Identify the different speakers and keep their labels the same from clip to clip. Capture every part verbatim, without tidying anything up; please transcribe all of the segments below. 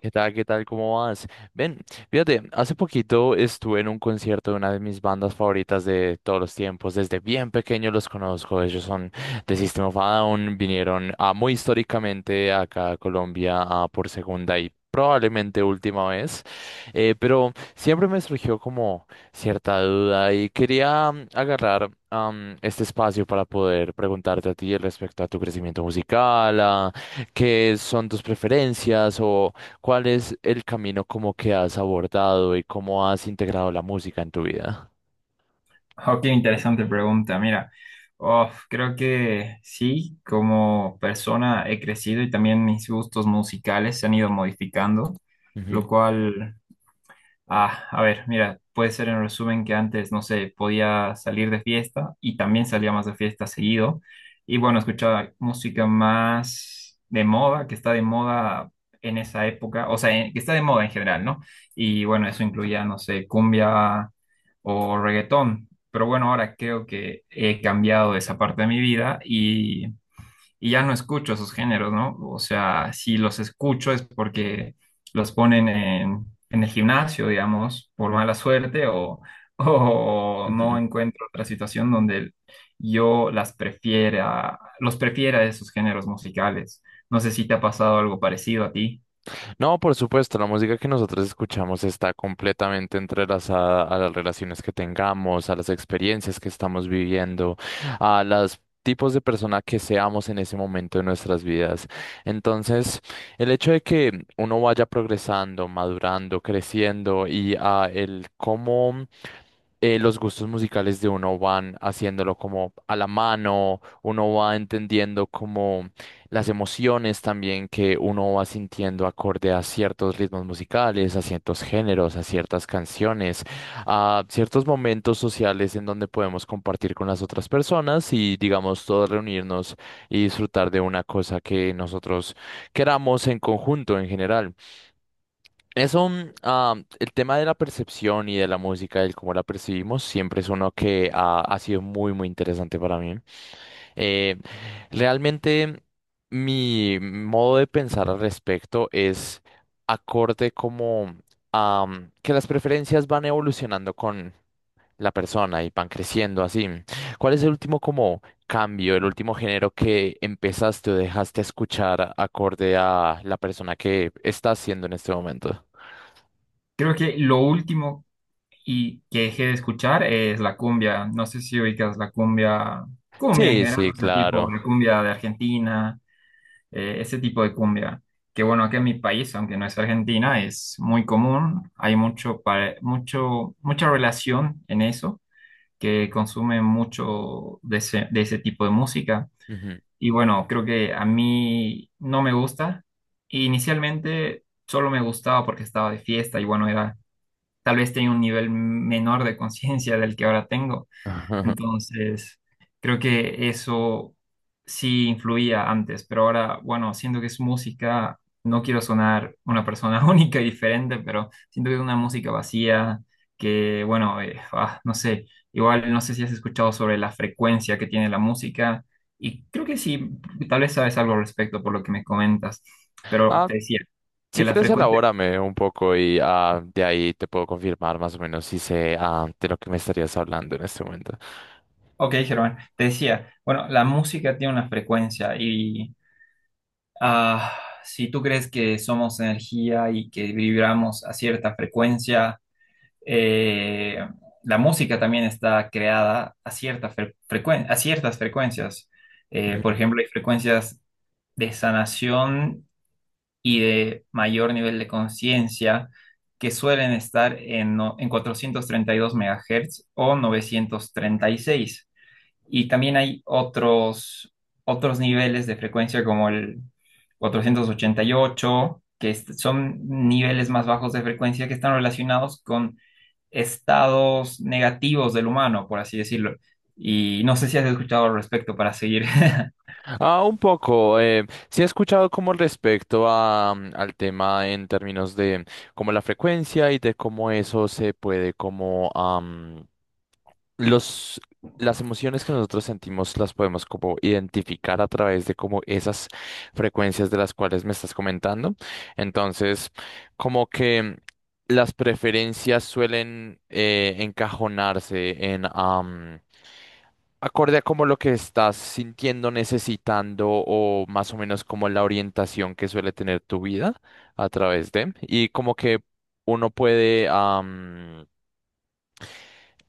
Speaker 1: ¿Qué tal? ¿Qué tal? ¿Cómo vas? Ven, fíjate, hace poquito estuve en un concierto de una de mis bandas favoritas de todos los tiempos. Desde bien pequeño los conozco. Ellos son de System of a Down. Vinieron a muy históricamente acá a Colombia ah, por segunda y probablemente última vez. Eh, pero siempre me surgió como cierta duda y quería mm, agarrar am, este espacio para poder preguntarte a ti respecto a tu crecimiento musical, a ¿Qué son tus preferencias o, ¿Cuál es el camino como que has abordado y cómo has integrado la música en tu vida?
Speaker 2: Oh, qué interesante pregunta. Mira, uf, creo que sí, como persona he crecido y también mis gustos musicales se han ido modificando,
Speaker 1: Ujú,
Speaker 2: lo cual. Ah, a ver, mira, puede ser en resumen que antes, no sé, podía salir de fiesta y también salía más de fiesta seguido. Y bueno, escuchaba música más de moda, que está de moda en esa época, o sea, en- que está de moda en general, ¿no? Y bueno, eso incluía, no sé, cumbia o reggaetón. Pero bueno, ahora creo que he cambiado esa parte de mi vida y y ya no escucho esos géneros, ¿no? O sea, si los escucho es porque los ponen en, en el gimnasio, digamos, por mala suerte o, o no
Speaker 1: ujú.
Speaker 2: encuentro otra situación donde yo las prefiera, los prefiera esos géneros musicales. No sé si te ha pasado algo parecido a ti.
Speaker 1: No, por supuesto, la música que nosotros escuchamos está completamente entrelazada a las relaciones que tengamos, a las experiencias que estamos viviendo, a los tipos de persona que seamos en ese momento de nuestras vidas. Entonces, el hecho de que uno vaya progresando, madurando, creciendo y a el cómo eh, los gustos musicales de uno van haciéndolo como a la mano, uno va entendiendo como las emociones también que uno va sintiendo acorde a ciertos ritmos musicales, a ciertos géneros, a ciertas canciones, a ciertos momentos sociales en donde podemos compartir con las otras personas y digamos todos reunirnos y disfrutar de una cosa que nosotros queramos en conjunto en general. Eso, mm, ah, el tema de la percepción y de la música, del cómo la percibimos, siempre es uno que ha, ha sido muy, muy interesante para mí. Eh, Realmente, mi modo de pensar al respecto es acorde como a que las preferencias van evolucionando con la persona y van creciendo así. ¿Cuál es el último como cambio, el último género que empezaste o dejaste escuchar acorde a la persona que estás siendo en este momento?
Speaker 2: Creo que lo último y que dejé de escuchar es la cumbia. No sé si ubicas la cumbia, cumbia en
Speaker 1: Sí,
Speaker 2: general,
Speaker 1: sí,
Speaker 2: o sea, tipo
Speaker 1: claro.
Speaker 2: la cumbia de Argentina, eh, ese tipo de cumbia. Que bueno, acá en mi país, aunque no es Argentina, es muy común. Hay mucho, pare- mucho, mucha relación en eso, que consumen mucho de ese, de ese tipo de música.
Speaker 1: Ujú.
Speaker 2: Y bueno, creo que a mí no me gusta. Inicialmente solo me gustaba porque estaba de fiesta y bueno, era, tal vez tenía un nivel menor de conciencia del que ahora tengo. Entonces, creo que eso sí influía antes, pero ahora, bueno, siento que es música, no quiero sonar una persona única y diferente, pero siento que es una música vacía, que, bueno, eh, ah, no sé, igual no sé si has escuchado sobre la frecuencia que tiene la música, y creo que sí, tal vez sabes algo al respecto por lo que me comentas, pero
Speaker 1: Ah,
Speaker 2: te decía que
Speaker 1: si
Speaker 2: la
Speaker 1: quieres,
Speaker 2: frecuencia...
Speaker 1: elabórame un poco y ah, de ahí te puedo confirmar más o menos si sé ah, de lo que me estarías hablando en este momento.
Speaker 2: Ok, Germán, te decía, bueno, la música tiene una frecuencia. Ah, si tú crees que somos energía y que vibramos a cierta frecuencia, eh, la música también está creada a cierta fre- frecuen- a ciertas frecuencias. Eh, por
Speaker 1: Ujú.
Speaker 2: ejemplo, hay frecuencias de sanación y de mayor nivel de conciencia que suelen estar en, no- en cuatrocientos treinta y dos megahercios MHz o novecientos treinta y seis. Y también hay otros, otros niveles de frecuencia como el cuatrocientos ochenta y ocho que est- son niveles más bajos de frecuencia que están relacionados con estados negativos del humano, por así decirlo. Y no sé si has escuchado al respecto para seguir.
Speaker 1: Ah, un poco. Eh, sí he escuchado como respecto a, mm, al tema en términos de como la frecuencia y de cómo eso se puede como Los, las emociones que nosotros sentimos las podemos como identificar a través de como esas frecuencias de las cuales me estás comentando. Entonces, como que las preferencias suelen eh, encajonarse en am, acorde a como lo que estás sintiendo, necesitando o más o menos como la orientación que suele tener tu vida a través de y como que uno puede am,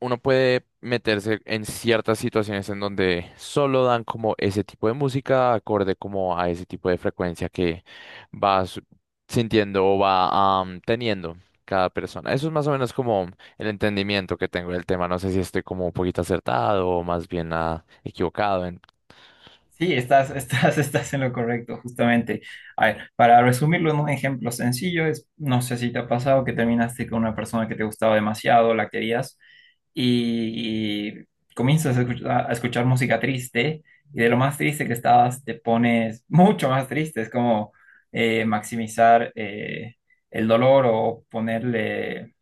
Speaker 1: uno puede meterse en ciertas situaciones en donde solo dan como ese tipo de música, acorde como a ese tipo de frecuencia que vas sintiendo o va am, teniendo cada persona. Eso es más o menos como el entendimiento que tengo del tema. No sé si estoy como un poquito acertado o más bien ah, equivocado en...
Speaker 2: Sí, estás, estás, estás en lo correcto, justamente. A ver, para resumirlo en un ejemplo sencillo, es, no sé si te ha pasado que terminaste con una persona que te gustaba demasiado, la querías, y, y comienzas a escuchar, a escuchar música triste, y de lo más triste que estabas, te pones mucho más triste. Es como eh, maximizar eh, el dolor o ponerle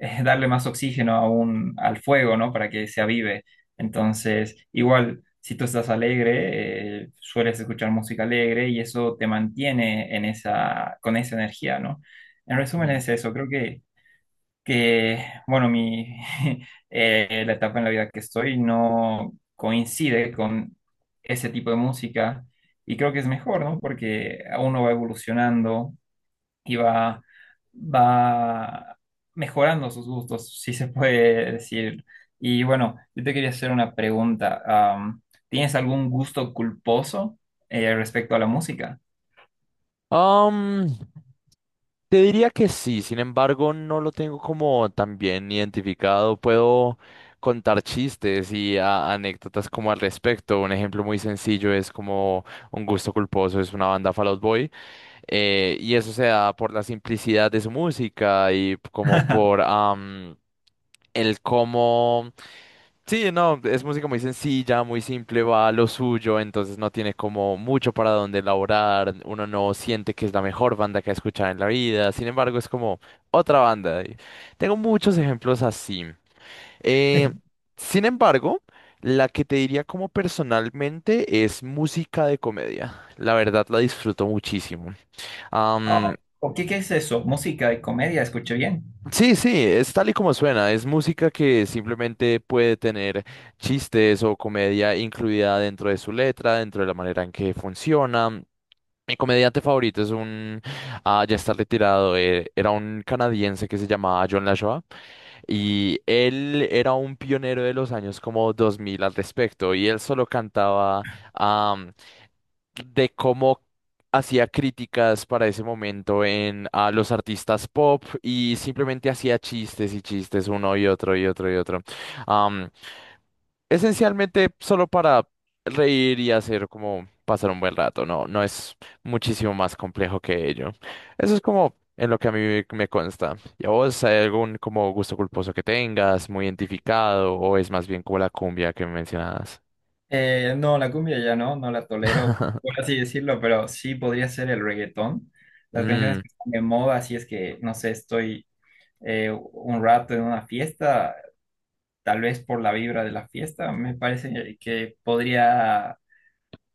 Speaker 2: eh, darle más oxígeno a un- al fuego, ¿no? Para que se avive. Entonces, igual, si tú estás alegre, eh, sueles escuchar música alegre y eso te mantiene en esa, con esa energía, ¿no? En resumen es eso, creo que, que bueno, mi, eh, la etapa en la vida que estoy no coincide con ese tipo de música y creo que es mejor, ¿no? Porque uno va evolucionando, y va, va mejorando sus gustos, si se puede decir. Y bueno, yo te quería hacer una pregunta. am, ¿Tienes algún gusto culposo eh, respecto a la música?
Speaker 1: Ujú. Te diría que sí, sin embargo, no lo tengo como tan bien identificado. Puedo contar chistes y a- anécdotas como al respecto. Un ejemplo muy sencillo es como Un Gusto Culposo, es una banda Fall Out Boy. Eh, y eso se da por la simplicidad de su música y como por am, el cómo. Sí, no, es música muy sencilla, muy simple, va a lo suyo, entonces no tiene como mucho para dónde elaborar, uno no siente que es la mejor banda que ha escuchado en la vida, sin embargo es como otra banda. Y tengo muchos ejemplos así. Eh, Sin embargo, la que te diría como personalmente es música de comedia. La verdad la disfruto muchísimo.
Speaker 2: Oh, ¿o qué, qué es eso? ¿Música y comedia? ¿Escuché bien?
Speaker 1: Sí, sí, es tal y como suena, es música que simplemente puede tener chistes o comedia incluida dentro de su letra, dentro de la manera en que funciona. Mi comediante favorito es un, ah, ya está retirado, eh, era un canadiense que se llamaba John LaJoie y él era un pionero de los años como dos mil al respecto y él solo cantaba de cómo hacía críticas para ese momento en a los artistas pop y simplemente hacía chistes y chistes uno y otro y otro y otro. Am, Esencialmente solo para reír y hacer como pasar un buen rato, no, no es muchísimo más complejo que ello. Eso es como en lo que a mí me consta. ¿Y a vos hay algún como gusto culposo que tengas, muy identificado, o es más bien como la cumbia que mencionabas?
Speaker 2: Eh, no, la cumbia ya no, no la tolero, por así decirlo, pero sí podría ser el reggaetón. Las canciones que están de moda, si es que, no sé, estoy eh, un rato en una fiesta, tal vez por la vibra de la fiesta, me parece que podría,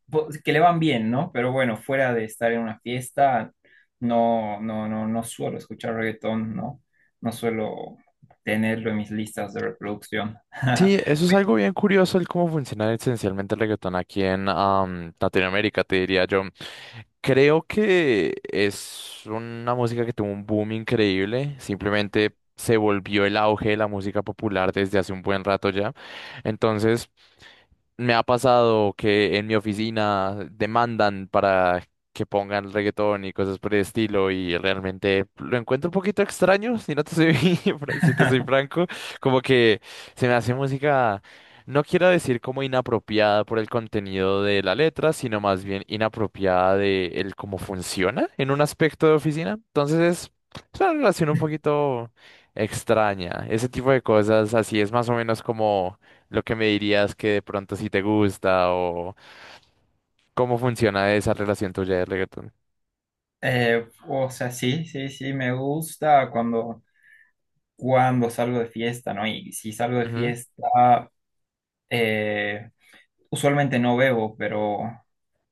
Speaker 2: po- que le van bien, ¿no? Pero bueno, fuera de estar en una fiesta, no, no, no, no suelo escuchar reggaetón, ¿no? No suelo tenerlo en mis listas de reproducción.
Speaker 1: Sí, eso es algo bien curioso, el cómo funciona esencialmente el reggaetón aquí en am, Latinoamérica, te diría yo. Creo que es una música que tuvo un boom increíble, simplemente se volvió el auge de la música popular desde hace un buen rato ya. Entonces, me ha pasado que en mi oficina demandan para que pongan reggaetón y cosas por el estilo y realmente lo encuentro un poquito extraño, si no te soy, si te soy franco, como que se me hace música, no quiero decir como inapropiada por el contenido de la letra, sino más bien inapropiada de el cómo funciona en un aspecto de oficina. Entonces es es una relación un poquito extraña. Ese tipo de cosas así es más o menos como lo que me dirías que de pronto si te gusta o cómo funciona esa relación tuya de reggaetón.
Speaker 2: Eh, o sea, sí, sí, sí, me gusta cuando cuando salgo de fiesta, ¿no? Y si salgo de
Speaker 1: Ujú.
Speaker 2: fiesta, eh, usualmente no bebo, pero,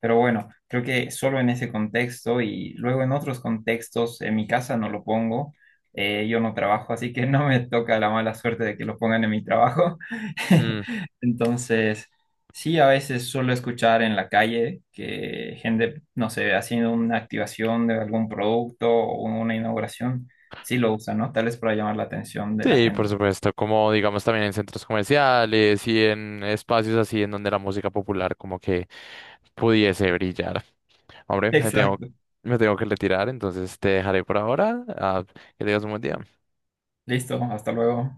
Speaker 2: pero bueno, creo que solo en ese contexto y luego en otros contextos, en mi casa no lo pongo, eh, yo no trabajo, así que no me toca la mala suerte de que lo pongan en mi trabajo.
Speaker 1: Mm,
Speaker 2: Entonces, sí, a veces suelo escuchar en la calle que gente, no sé, haciendo una activación de algún producto o una inauguración, sí lo usan, ¿no? Tal vez para llamar la atención de la
Speaker 1: Sí, por
Speaker 2: gente.
Speaker 1: supuesto, como digamos también en centros comerciales y en espacios así en donde la música popular como que pudiese brillar. Hombre, me tengo,
Speaker 2: Exacto.
Speaker 1: me tengo que retirar, entonces te dejaré por ahora. Ah, que tengas un buen día.
Speaker 2: Listo, hasta luego.